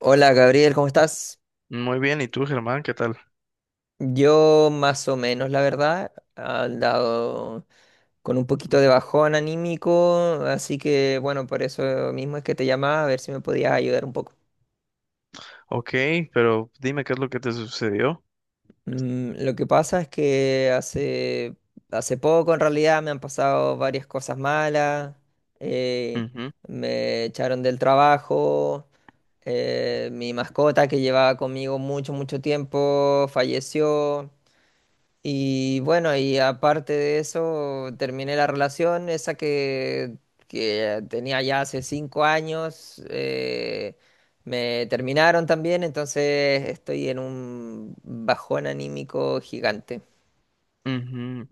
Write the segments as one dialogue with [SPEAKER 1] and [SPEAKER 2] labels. [SPEAKER 1] Hola Gabriel, ¿cómo estás?
[SPEAKER 2] Muy bien, ¿y tú, Germán? ¿Qué tal?
[SPEAKER 1] Yo más o menos, la verdad, he dado con un poquito de bajón anímico, así que bueno, por eso mismo es que te llamaba a ver si me podías ayudar un poco.
[SPEAKER 2] Ok, pero dime qué es lo que te sucedió.
[SPEAKER 1] Lo que pasa es que hace poco en realidad me han pasado varias cosas malas. eh,
[SPEAKER 2] Ujú,
[SPEAKER 1] Me echaron del trabajo. Mi mascota que llevaba conmigo mucho, mucho tiempo falleció. Y bueno, y aparte de eso, terminé la relación, esa que tenía ya hace 5 años. Me terminaron también, entonces estoy en un bajón anímico gigante.
[SPEAKER 2] ujú.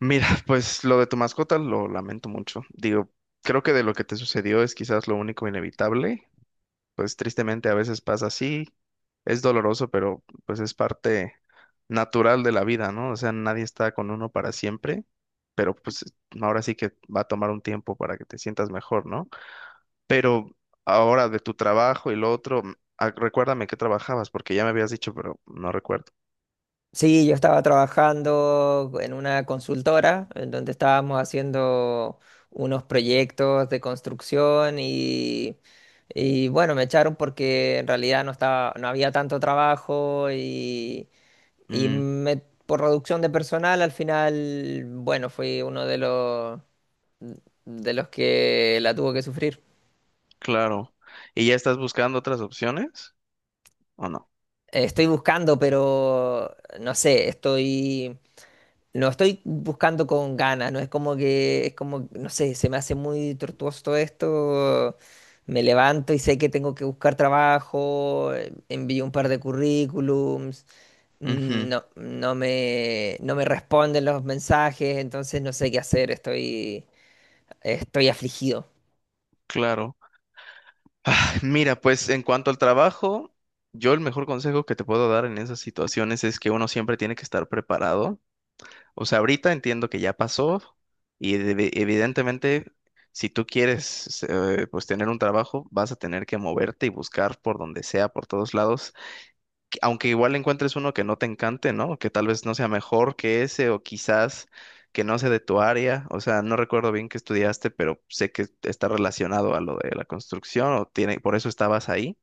[SPEAKER 2] Mira, pues lo de tu mascota lo lamento mucho. Digo, creo que de lo que te sucedió es quizás lo único inevitable. Pues tristemente a veces pasa así. Es doloroso, pero pues es parte natural de la vida, ¿no? O sea, nadie está con uno para siempre, pero pues ahora sí que va a tomar un tiempo para que te sientas mejor, ¿no? Pero ahora de tu trabajo y lo otro, recuérdame qué trabajabas, porque ya me habías dicho, pero no recuerdo.
[SPEAKER 1] Sí, yo estaba trabajando en una consultora en donde estábamos haciendo unos proyectos de construcción y bueno, me echaron porque en realidad no había tanto trabajo y Y
[SPEAKER 2] Mm,
[SPEAKER 1] me- por reducción de personal, al final, bueno, fui uno de los que la tuvo que sufrir.
[SPEAKER 2] claro. ¿Y ya estás buscando otras opciones o no?
[SPEAKER 1] Estoy buscando, pero no sé, no estoy buscando con ganas, no es como que, es como, no sé, se me hace muy tortuoso todo esto. Me levanto y sé que tengo que buscar trabajo, envío un par de currículums.
[SPEAKER 2] Ujú,
[SPEAKER 1] No, no me responden los mensajes, entonces no sé qué hacer. Estoy afligido.
[SPEAKER 2] claro. Mira, pues en cuanto al trabajo, yo el mejor consejo que te puedo dar en esas situaciones es que uno siempre tiene que estar preparado. O sea, ahorita entiendo que ya pasó y evidentemente si tú quieres pues tener un trabajo, vas a tener que moverte y buscar por donde sea, por todos lados, aunque igual encuentres uno que no te encante, ¿no? Que tal vez no sea mejor que ese o quizás que no sea de tu área. O sea, no recuerdo bien qué estudiaste, pero sé que está relacionado a lo de la construcción o tiene, por eso estabas ahí,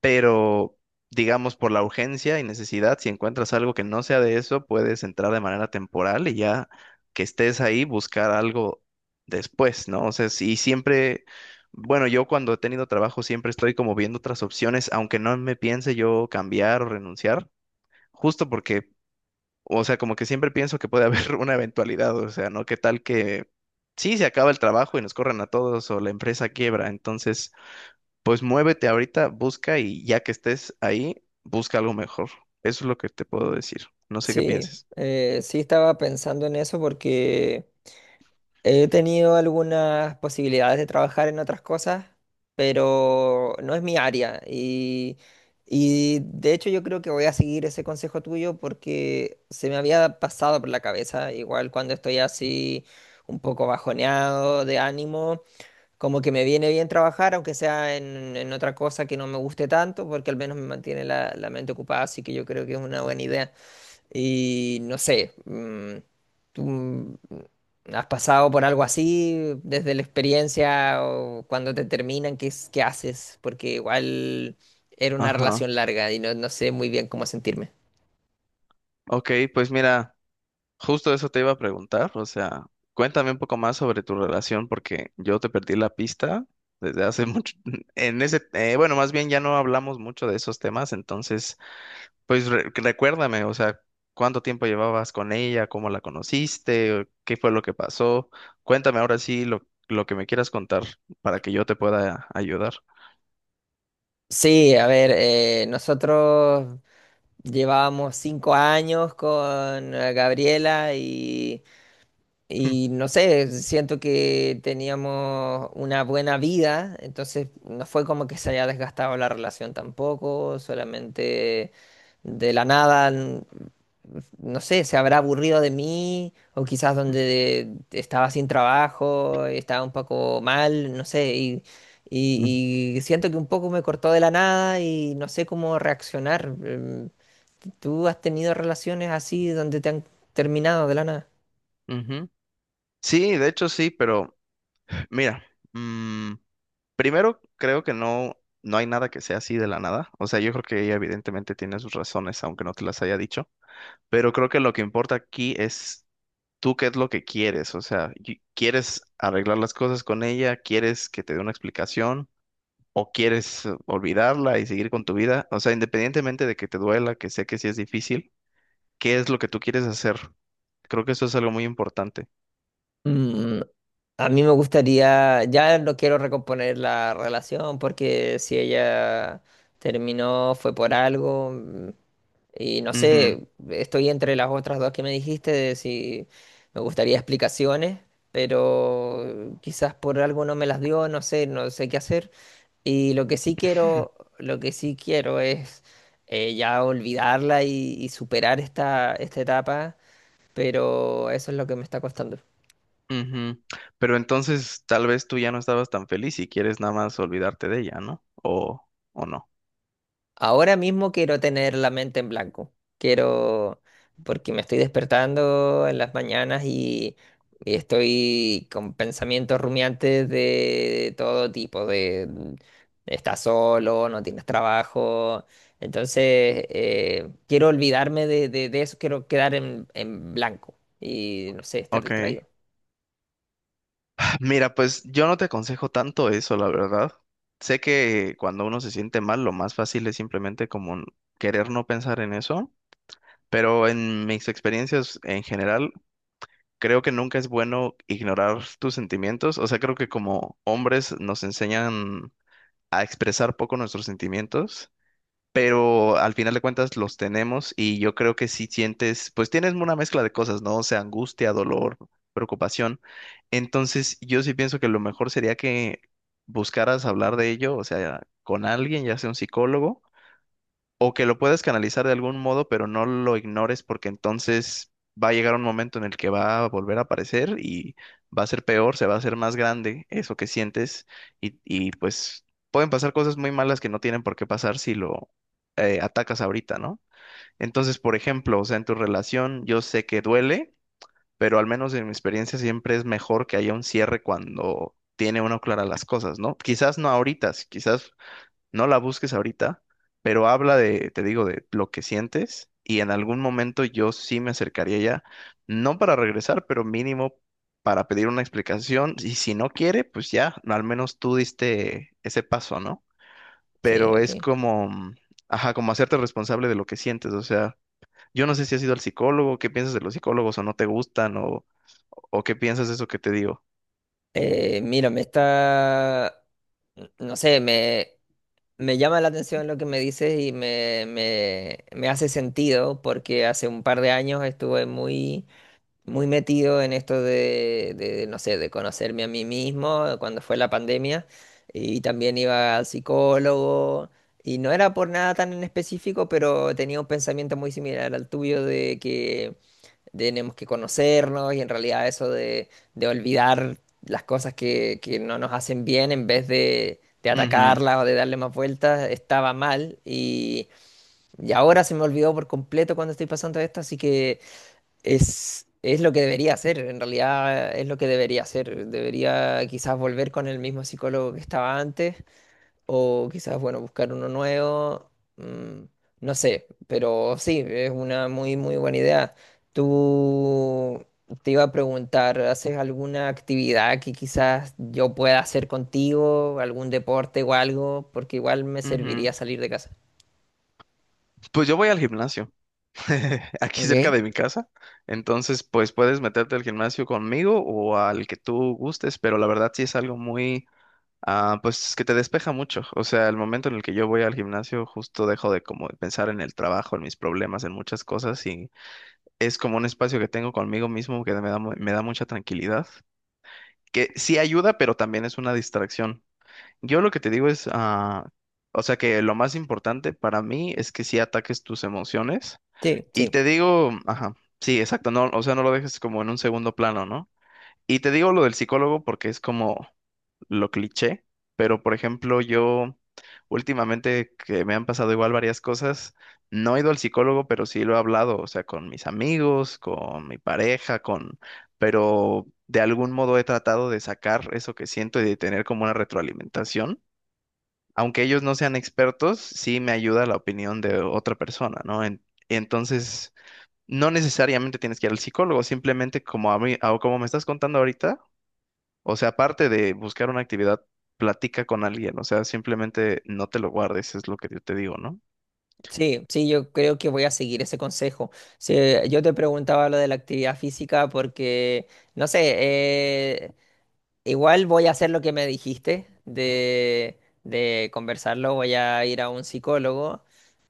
[SPEAKER 2] pero digamos por la urgencia y necesidad, si encuentras algo que no sea de eso, puedes entrar de manera temporal y ya que estés ahí buscar algo después, ¿no? O sea, y siempre, bueno, yo cuando he tenido trabajo siempre estoy como viendo otras opciones, aunque no me piense yo cambiar o renunciar, justo porque, o sea, como que siempre pienso que puede haber una eventualidad, o sea, ¿no? ¿Qué tal que... Sí, se acaba el trabajo y nos corran a todos o la empresa quiebra, entonces pues muévete ahorita, busca y ya que estés ahí, busca algo mejor. Eso es lo que te puedo decir. No sé qué
[SPEAKER 1] Sí,
[SPEAKER 2] pienses.
[SPEAKER 1] sí estaba pensando en eso porque he tenido algunas posibilidades de trabajar en otras cosas, pero no es mi área. Y de hecho yo creo que voy a seguir ese consejo tuyo porque se me había pasado por la cabeza, igual cuando estoy así un poco bajoneado de ánimo, como que me viene bien trabajar, aunque sea en otra cosa que no me guste tanto, porque al menos me mantiene la, la mente ocupada, así que yo creo que es una buena idea. Y no sé, ¿tú has pasado por algo así desde la experiencia o cuando te terminan? ¿Qué, qué haces? Porque igual era una
[SPEAKER 2] Ajá.
[SPEAKER 1] relación larga y no, no sé muy bien cómo sentirme.
[SPEAKER 2] Ok, pues mira, justo eso te iba a preguntar. O sea, cuéntame un poco más sobre tu relación porque yo te perdí la pista desde hace mucho. Bueno, más bien ya no hablamos mucho de esos temas, entonces, pues recuérdame, o sea, ¿cuánto tiempo llevabas con ella? ¿Cómo la conociste? ¿Qué fue lo que pasó? Cuéntame ahora sí lo que me quieras contar para que yo te pueda ayudar.
[SPEAKER 1] Sí, a ver, nosotros llevábamos 5 años con Gabriela Y no sé, siento que teníamos una buena vida, entonces no fue como que se haya desgastado la relación tampoco, solamente de la nada, no sé, se habrá aburrido de mí o quizás donde estaba sin trabajo, estaba un poco mal, no sé, y,
[SPEAKER 2] Mm.
[SPEAKER 1] y, y siento que un poco me cortó de la nada y no sé cómo reaccionar. ¿Tú has tenido relaciones así donde te han terminado de la
[SPEAKER 2] Ujú. Sí, de hecho sí, pero mira, mm, primero creo que no, no hay nada que sea así de la nada. O sea, yo creo que ella evidentemente tiene sus razones, aunque no te las haya dicho. Pero creo que lo que importa aquí es tú qué es lo que quieres, o sea, ¿quieres arreglar las cosas con ella? ¿Quieres que te dé una explicación? ¿O quieres olvidarla y seguir con tu vida? O sea, independientemente de que te duela, que sé que sí es difícil, ¿qué es lo que tú quieres hacer? Creo que eso es algo muy importante.
[SPEAKER 1] nada? A mí me gustaría, ya no quiero recomponer la relación porque si ella terminó fue por algo y no
[SPEAKER 2] Ujú,
[SPEAKER 1] sé, estoy entre las otras dos que me dijiste de si me gustaría explicaciones, pero quizás por algo no me las dio, no sé, no sé qué hacer. Y lo que sí quiero, lo que sí quiero es ya olvidarla y superar esta etapa, pero eso es lo que me está costando.
[SPEAKER 2] ujú. Pero entonces tal vez tú ya no estabas tan feliz y quieres nada más olvidarte de ella, ¿no? ¿O no?
[SPEAKER 1] Ahora mismo quiero tener la mente en blanco. Quiero, porque me estoy despertando en las mañanas y estoy con pensamientos rumiantes de todo tipo, de estás solo, no tienes trabajo. Entonces, quiero olvidarme de eso, quiero quedar en blanco y, no sé, estar
[SPEAKER 2] Ok.
[SPEAKER 1] distraído.
[SPEAKER 2] Mira, pues yo no te aconsejo tanto eso, la verdad. Sé que cuando uno se siente mal, lo más fácil es simplemente como querer no pensar en eso, pero en mis experiencias en general, creo que nunca es bueno ignorar tus sentimientos. O sea, creo que como hombres nos enseñan a expresar poco nuestros sentimientos, pero al final de cuentas los tenemos y yo creo que si sientes, pues tienes una mezcla de cosas, ¿no? O sea, angustia, dolor, preocupación. Entonces, yo sí pienso que lo mejor sería que buscaras hablar de ello, o sea, con alguien, ya sea un psicólogo, o que lo puedas canalizar de algún modo, pero no lo ignores, porque entonces va a llegar un momento en el que va a volver a aparecer y va a ser peor, se va a hacer más grande eso que sientes y, pues pueden pasar cosas muy malas que no tienen por qué pasar si lo atacas ahorita, ¿no? Entonces, por ejemplo, o sea, en tu relación yo sé que duele, pero al menos en mi experiencia siempre es mejor que haya un cierre cuando tiene uno clara las cosas, ¿no? Quizás no ahorita, si quizás no la busques ahorita, pero habla de, te digo, de lo que sientes y en algún momento yo sí me acercaría ya, no para regresar, pero mínimo para pedir una explicación y si no quiere, pues ya, al menos tú diste ese paso, ¿no?
[SPEAKER 1] Sí,
[SPEAKER 2] Pero es
[SPEAKER 1] ok.
[SPEAKER 2] como, ajá, como hacerte responsable de lo que sientes, o sea, yo no sé si has ido al psicólogo, qué piensas de los psicólogos, o no te gustan, o qué piensas de eso que te digo.
[SPEAKER 1] Mira, no sé. Me llama la atención lo que me dices y me hace sentido porque hace un par de años estuve muy muy metido en esto, no sé, de conocerme a mí mismo cuando fue la pandemia y también iba al psicólogo y no era por nada tan en específico, pero tenía un pensamiento muy similar al tuyo de que tenemos que conocernos y en realidad eso de olvidar las cosas que no nos hacen bien en vez de atacarlas o de darle más vueltas estaba mal y ahora se me olvidó por completo cuando estoy pasando esto, así que. Es lo que debería hacer, en realidad es lo que debería hacer. Debería quizás volver con el mismo psicólogo que estaba antes o quizás, bueno, buscar uno nuevo. mm, no sé, pero sí, es una muy, muy buena idea. Tú Te iba a preguntar, ¿haces alguna actividad que quizás yo pueda hacer contigo? ¿Algún deporte o algo? Porque igual me
[SPEAKER 2] Ujú, ujú.
[SPEAKER 1] serviría salir de casa.
[SPEAKER 2] Pues yo voy al gimnasio aquí cerca
[SPEAKER 1] ¿Ok?
[SPEAKER 2] de mi casa. Entonces, pues puedes meterte al gimnasio conmigo o al que tú gustes, pero la verdad sí es algo muy, pues que te despeja mucho. O sea, el momento en el que yo voy al gimnasio, justo dejo de como de pensar en el trabajo, en mis problemas, en muchas cosas y es como un espacio que tengo conmigo mismo que me da, me da mucha tranquilidad, que sí ayuda, pero también es una distracción. Yo lo que te digo es, o sea, que lo más importante para mí es que sí ataques tus emociones
[SPEAKER 1] Sí,
[SPEAKER 2] y
[SPEAKER 1] sí.
[SPEAKER 2] te digo, ajá, sí, exacto, no, o sea, no lo dejes como en un segundo plano, ¿no? Y te digo lo del psicólogo porque es como lo cliché, pero por ejemplo, yo últimamente que me han pasado igual varias cosas, no he ido al psicólogo, pero sí lo he hablado, o sea, con mis amigos, con mi pareja, pero de algún modo he tratado de sacar eso que siento y de tener como una retroalimentación. Aunque ellos no sean expertos, sí me ayuda la opinión de otra persona, ¿no? Entonces... No necesariamente tienes que ir al psicólogo, simplemente como a mí, o como me estás contando ahorita, o sea, aparte de buscar una actividad, platica con alguien, o sea, simplemente no te lo guardes, es lo que yo te digo, ¿no?
[SPEAKER 1] Sí, sí, yo creo que voy a seguir ese consejo. Sí, yo te preguntaba lo de la actividad física porque, no sé, igual voy a hacer lo que me dijiste de conversarlo, voy a ir a un psicólogo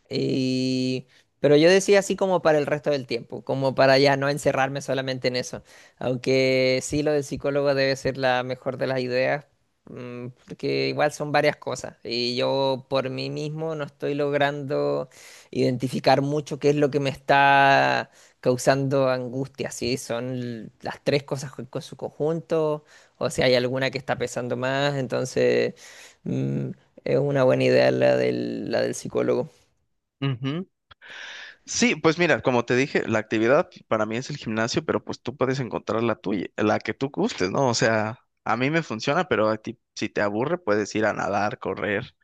[SPEAKER 1] y. Pero yo decía así como para el resto del tiempo, como para ya no encerrarme solamente en eso. Aunque sí, lo del psicólogo debe ser la mejor de las ideas, porque igual son varias cosas. Y yo por mí mismo no estoy logrando identificar mucho qué es lo que me está causando angustia. Si son las tres cosas con su conjunto, o si hay alguna que está pesando más. Entonces, mm, es una buena idea la del psicólogo.
[SPEAKER 2] Ujú. Sí, pues mira, como te dije, la actividad para mí es el gimnasio, pero pues tú puedes encontrar la tuya, la que tú gustes, ¿no? O sea, a mí me funciona, pero a ti, si te aburre, puedes ir a nadar, correr,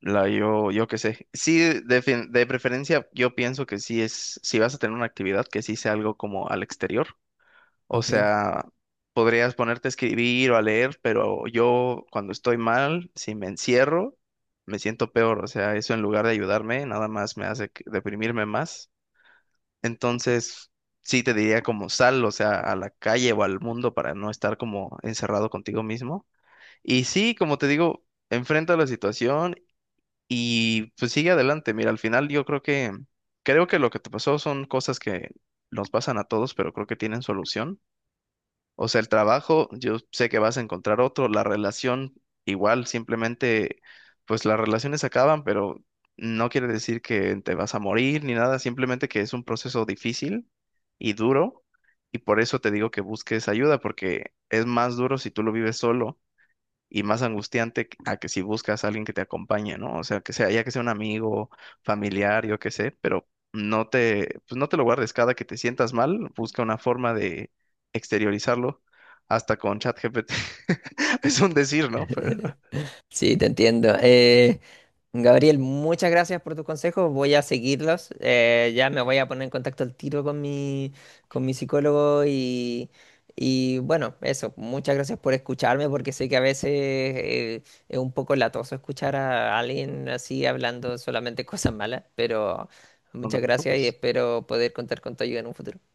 [SPEAKER 2] yo qué sé. Sí, de preferencia, yo pienso que sí es, si vas a tener una actividad, que sí sea algo como al exterior. O
[SPEAKER 1] Ok,
[SPEAKER 2] sea, podrías ponerte a escribir o a leer, pero yo cuando estoy mal, si me encierro, me siento peor. O sea, eso en lugar de ayudarme, nada más me hace deprimirme más. Entonces, sí te diría como sal, o sea, a la calle o al mundo para no estar como encerrado contigo mismo. Y sí, como te digo, enfrenta la situación y pues sigue adelante. Mira, al final yo creo que lo que te pasó son cosas que nos pasan a todos, pero creo que tienen solución. O sea, el trabajo, yo sé que vas a encontrar otro, la relación igual, simplemente, pues las relaciones acaban, pero no quiere decir que te vas a morir ni nada, simplemente que es un proceso difícil y duro, y por eso te digo que busques ayuda, porque es más duro si tú lo vives solo y más angustiante a que si buscas a alguien que te acompañe, ¿no? O sea, que sea, ya que sea un amigo, familiar, yo qué sé, pero pues no te lo guardes cada que te sientas mal, busca una forma de exteriorizarlo, hasta con ChatGPT. Es un decir, ¿no? Pero
[SPEAKER 1] sí, te entiendo. Gabriel, muchas gracias por tus consejos. Voy a seguirlos. Ya me voy a poner en contacto al tiro con mi psicólogo y bueno, eso. Muchas gracias por escucharme porque sé que a veces es un poco latoso escuchar a alguien así hablando solamente cosas malas, pero
[SPEAKER 2] no te
[SPEAKER 1] muchas gracias y
[SPEAKER 2] preocupes.
[SPEAKER 1] espero poder contar con tu ayuda en un futuro.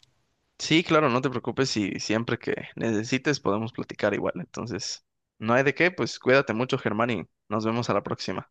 [SPEAKER 2] Sí, claro, no te preocupes y siempre que necesites podemos platicar igual. Entonces, no hay de qué, pues cuídate mucho, Germán, y nos vemos a la próxima.